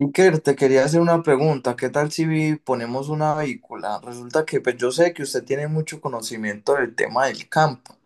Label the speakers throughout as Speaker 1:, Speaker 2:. Speaker 1: Iker, te quería hacer una pregunta. ¿Qué tal si ponemos una vehícula? Resulta que pues, yo sé que usted tiene mucho conocimiento del tema del campo.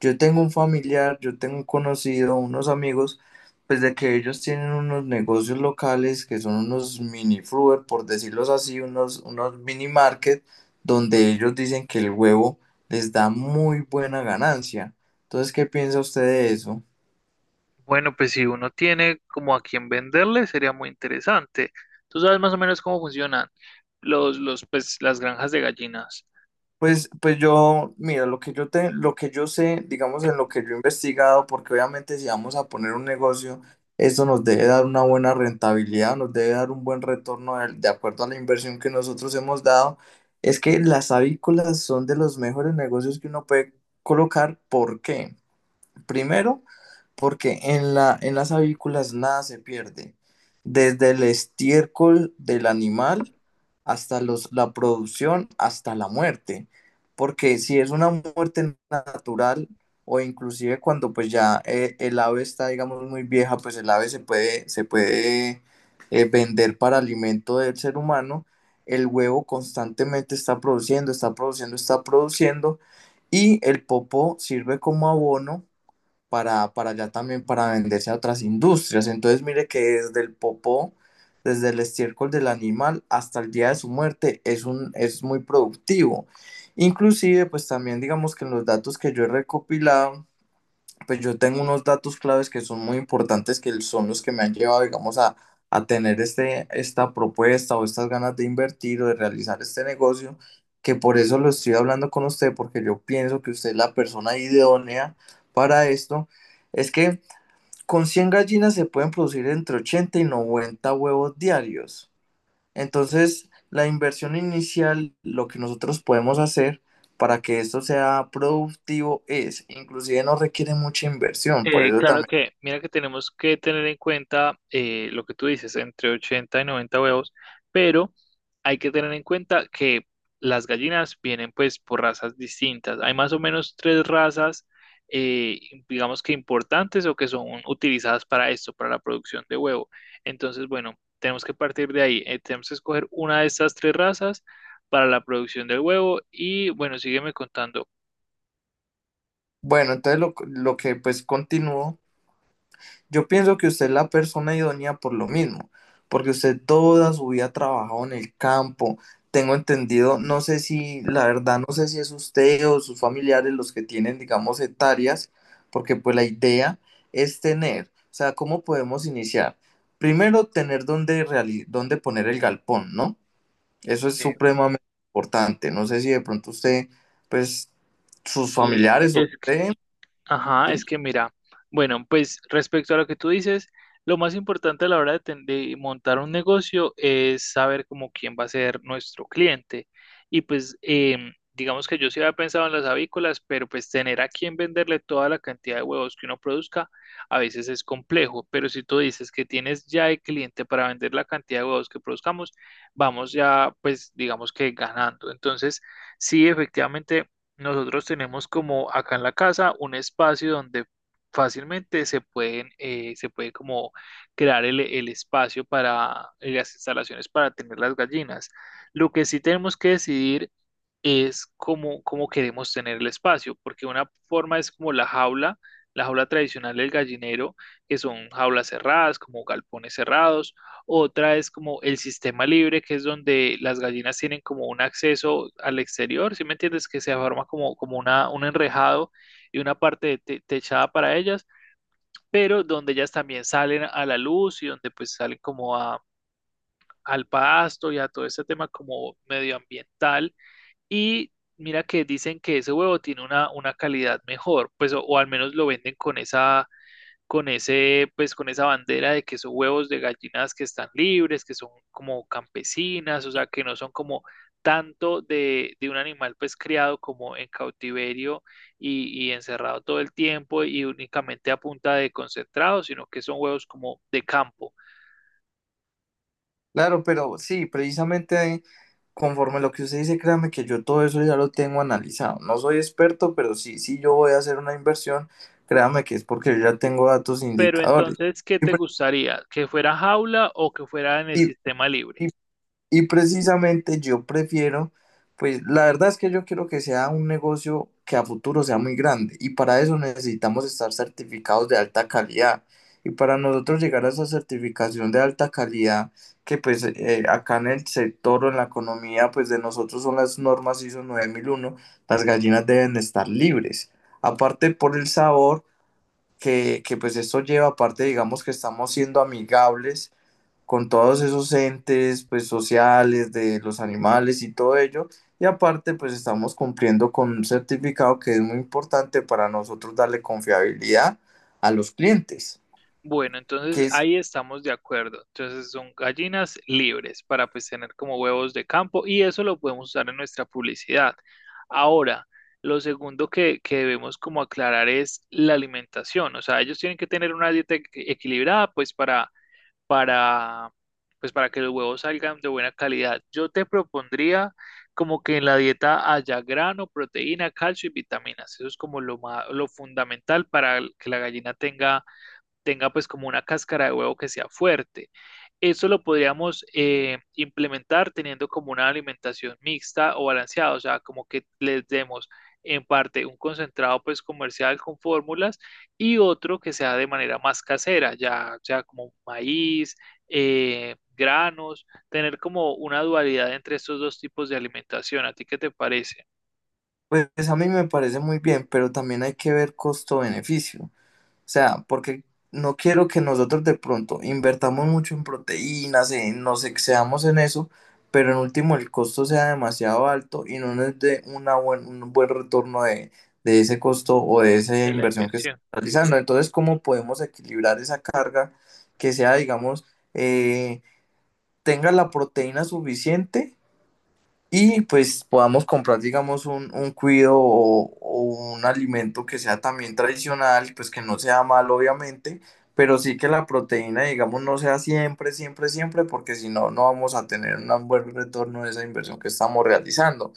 Speaker 1: Yo tengo un familiar, yo tengo un conocido, unos amigos, pues de que ellos tienen unos negocios locales que son unos mini fruit, por decirlos así, unos mini market, donde ellos dicen que el huevo les da muy buena ganancia. Entonces, ¿qué piensa usted de eso?
Speaker 2: Bueno, pues si uno tiene como a quién venderle, sería muy interesante. Tú sabes más o menos cómo funcionan pues, las granjas de gallinas.
Speaker 1: Pues yo, mira, lo que yo sé, digamos, en lo que yo he investigado, porque obviamente si vamos a poner un negocio, esto nos debe dar una buena rentabilidad, nos debe dar un buen retorno de acuerdo a la inversión que nosotros hemos dado, es que las avícolas son de los mejores negocios que uno puede colocar. ¿Por qué? Primero, porque en las avícolas nada se pierde, desde el estiércol del animal hasta la producción, hasta la muerte, porque si es una muerte natural o inclusive cuando pues ya el ave está, digamos, muy vieja, pues el ave se puede, se puede vender para alimento del ser humano, el huevo constantemente está produciendo, está produciendo, está produciendo, y el popó sirve como abono para allá también para venderse a otras industrias. Entonces, mire que desde el popó, desde el estiércol del animal hasta el día de su muerte es un, es muy productivo. Inclusive, pues también digamos que en los datos que yo he recopilado, pues yo tengo unos datos claves que son muy importantes, que son los que me han llevado, digamos, a tener esta propuesta o estas ganas de invertir o de realizar este negocio, que por eso lo estoy hablando con usted, porque yo pienso que usted es la persona idónea para esto. Es que con 100 gallinas se pueden producir entre 80 y 90 huevos diarios. Entonces, la inversión inicial, lo que nosotros podemos hacer para que esto sea productivo es, inclusive no requiere mucha inversión, por eso
Speaker 2: Claro
Speaker 1: también.
Speaker 2: que, mira que tenemos que tener en cuenta lo que tú dices, entre 80 y 90 huevos, pero hay que tener en cuenta que las gallinas vienen pues por razas distintas. Hay más o menos tres razas, eh, digamos que importantes o que son utilizadas para esto, para la producción de huevo. Entonces, bueno, tenemos que partir de ahí. Tenemos que escoger una de estas tres razas para la producción del huevo y bueno, sígueme contando.
Speaker 1: Bueno, lo que pues continúo. Yo pienso que usted es la persona idónea por lo mismo, porque usted toda su vida ha trabajado en el campo. Tengo entendido, no sé si, la verdad, no sé si es usted o sus familiares los que tienen, digamos, hectáreas, porque pues la idea es tener, o sea, ¿cómo podemos iniciar? Primero, tener dónde, dónde poner el galpón, ¿no? Eso es
Speaker 2: eh,
Speaker 1: supremamente importante. No sé si de pronto usted, pues, sus
Speaker 2: sí
Speaker 1: familiares o
Speaker 2: es
Speaker 1: usted,
Speaker 2: Ajá, es
Speaker 1: ¿sí?
Speaker 2: que mira, bueno, pues respecto a lo que tú dices, lo más importante a la hora de, de montar un negocio es saber como quién va a ser nuestro cliente. Y pues digamos que yo sí había pensado en las avícolas, pero pues tener a quién venderle toda la cantidad de huevos que uno produzca a veces es complejo. Pero si tú dices que tienes ya el cliente para vender la cantidad de huevos que produzcamos, vamos ya pues digamos que ganando. Entonces, sí, efectivamente. Nosotros tenemos como acá en la casa un espacio donde fácilmente se pueden, se puede como crear el espacio para las instalaciones para tener las gallinas. Lo que sí tenemos que decidir es cómo, cómo queremos tener el espacio, porque una forma es como la jaula tradicional del gallinero, que son jaulas cerradas, como galpones cerrados, otra es como el sistema libre, que es donde las gallinas tienen como un acceso al exterior, ¿sí me entiendes? Que se forma como, un enrejado y una parte de techada para ellas, pero donde ellas también salen a la luz y donde pues salen como a, al pasto y a todo ese tema como medioambiental y mira que dicen que ese huevo tiene una calidad mejor, pues o al menos lo venden con esa, con ese, pues con esa bandera de que son huevos de gallinas que están libres, que son como campesinas, o sea, que no son como tanto de un animal pues criado como en cautiverio y encerrado todo el tiempo y únicamente a punta de concentrado, sino que son huevos como de campo.
Speaker 1: Claro, pero sí, precisamente. Conforme a lo que usted dice, créame que yo todo eso ya lo tengo analizado. No soy experto, pero sí, sí yo voy a hacer una inversión, créame que es porque yo ya tengo datos e
Speaker 2: Pero
Speaker 1: indicadores.
Speaker 2: entonces, ¿qué
Speaker 1: Y,
Speaker 2: te
Speaker 1: pre-
Speaker 2: gustaría? ¿Que fuera jaula o que fuera en el
Speaker 1: y-
Speaker 2: sistema libre?
Speaker 1: y Y precisamente yo prefiero, pues la verdad es que yo quiero que sea un negocio que a futuro sea muy grande y para eso necesitamos estar certificados de alta calidad. Y para nosotros llegar a esa certificación de alta calidad, que pues acá en el sector o en la economía, pues de nosotros son las normas ISO 9001, las gallinas deben estar libres. Aparte por el sabor que pues esto lleva, aparte digamos que estamos siendo amigables con todos esos entes pues sociales de los animales y todo ello. Y aparte pues estamos cumpliendo con un certificado que es muy importante para nosotros darle confiabilidad a los clientes,
Speaker 2: Bueno,
Speaker 1: que
Speaker 2: entonces
Speaker 1: es.
Speaker 2: ahí estamos de acuerdo. Entonces son gallinas libres para pues tener como huevos de campo y eso lo podemos usar en nuestra publicidad. Ahora, lo segundo que debemos como aclarar es la alimentación. O sea, ellos tienen que tener una dieta equilibrada pues para, para, pues para que los huevos salgan de buena calidad. Yo te propondría como que en la dieta haya grano, proteína, calcio y vitaminas. Eso es como lo fundamental para que la gallina tenga pues como una cáscara de huevo que sea fuerte. Eso lo podríamos implementar teniendo como una alimentación mixta o balanceada, o sea, como que les demos en parte un concentrado pues comercial con fórmulas y otro que sea de manera más casera, ya sea como maíz, granos, tener como una dualidad entre estos dos tipos de alimentación. ¿A ti qué te parece
Speaker 1: Pues a mí me parece muy bien, pero también hay que ver costo-beneficio. Sea, porque no quiero que nosotros de pronto invertamos mucho en proteínas, nos excedamos en eso, pero en último el costo sea demasiado alto y no nos dé un buen retorno de ese costo o de esa
Speaker 2: de la
Speaker 1: inversión que estamos
Speaker 2: inversión?
Speaker 1: realizando. Entonces, ¿cómo podemos equilibrar esa carga que sea, digamos, eh, tenga la proteína suficiente? Y pues podamos comprar, digamos, un cuido o un alimento que sea también tradicional, pues que no sea malo, obviamente, pero sí que la proteína, digamos, no sea siempre, porque si no, no vamos a tener un buen retorno de esa inversión que estamos realizando.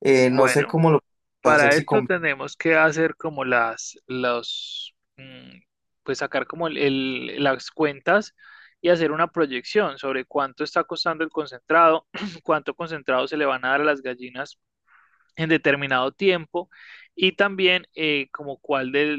Speaker 1: No sé
Speaker 2: Bueno,
Speaker 1: cómo lo podemos hacer
Speaker 2: para
Speaker 1: si
Speaker 2: esto
Speaker 1: con.
Speaker 2: tenemos que hacer como pues sacar como las cuentas y hacer una proyección sobre cuánto está costando el concentrado, cuánto concentrado se le van a dar a las gallinas en determinado tiempo y también como cuál de,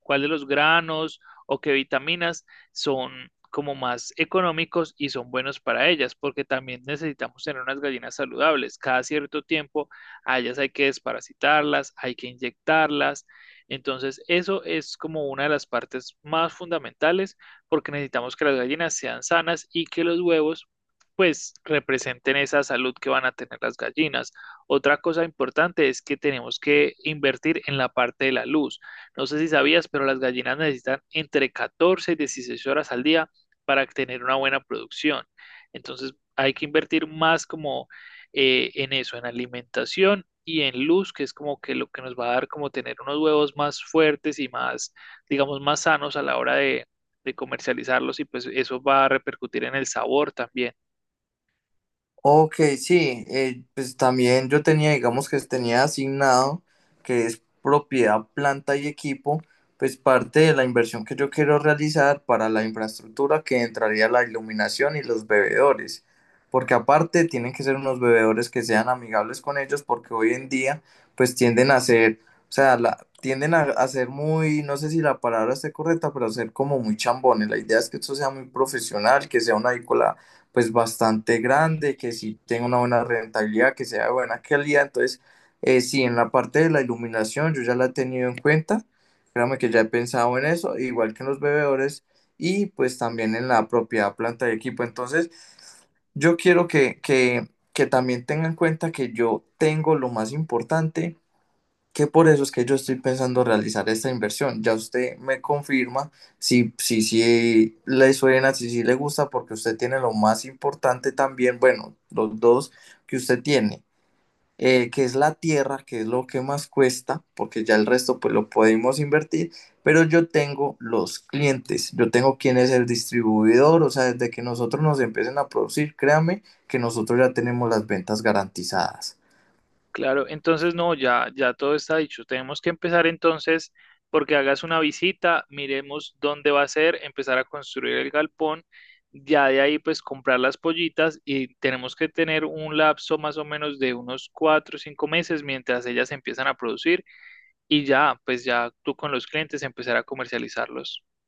Speaker 2: cuál de los granos o qué vitaminas son como más económicos y son buenos para ellas, porque también necesitamos tener unas gallinas saludables. Cada cierto tiempo a ellas hay que desparasitarlas, hay que inyectarlas. Entonces, eso es como una de las partes más fundamentales, porque necesitamos que las gallinas sean sanas y que los huevos pues representen esa salud que van a tener las gallinas. Otra cosa importante es que tenemos que invertir en la parte de la luz. No sé si sabías, pero las gallinas necesitan entre 14 y 16 horas al día para tener una buena producción. Entonces hay que invertir más como en eso, en alimentación y en luz, que es como que lo que nos va a dar como tener unos huevos más fuertes y más, digamos, más sanos a la hora de comercializarlos y pues eso va a repercutir en el sabor también.
Speaker 1: Ok, sí, pues también yo tenía, digamos que tenía asignado, que es propiedad, planta y equipo, pues parte de la inversión que yo quiero realizar para la infraestructura que entraría la iluminación y los bebedores, porque aparte tienen que ser unos bebedores que sean amigables con ellos, porque hoy en día pues tienden a ser, o sea, la, tienden a ser muy, no sé si la palabra esté correcta, pero a ser como muy chambones. La idea es que esto sea muy profesional, que sea una edícula pues bastante grande, que sí tenga una buena rentabilidad, que sea de buena calidad. Entonces, sí, en la parte de la iluminación yo ya la he tenido en cuenta, créame que ya he pensado en eso, igual que en los bebedores y pues también en la propiedad planta de equipo. Entonces, yo quiero que también tengan en cuenta que yo tengo lo más importante, que por eso es que yo estoy pensando realizar esta inversión. Ya usted me confirma si le suena, si le gusta, porque usted tiene lo más importante también, bueno, los dos que usted tiene, que es la tierra, que es lo que más cuesta, porque ya el resto pues lo podemos invertir, pero yo tengo los clientes, yo tengo quién es el distribuidor, o sea, desde que nosotros nos empiecen a producir, créame que nosotros ya tenemos las ventas garantizadas.
Speaker 2: Claro, entonces no, ya todo está dicho. Tenemos que empezar entonces porque hagas una visita, miremos dónde va a ser, empezar a construir el galpón, ya de ahí pues comprar las pollitas y tenemos que tener un lapso más o menos de unos 4 o 5 meses mientras ellas empiezan a producir y ya, pues ya tú con los clientes empezar a comercializarlos.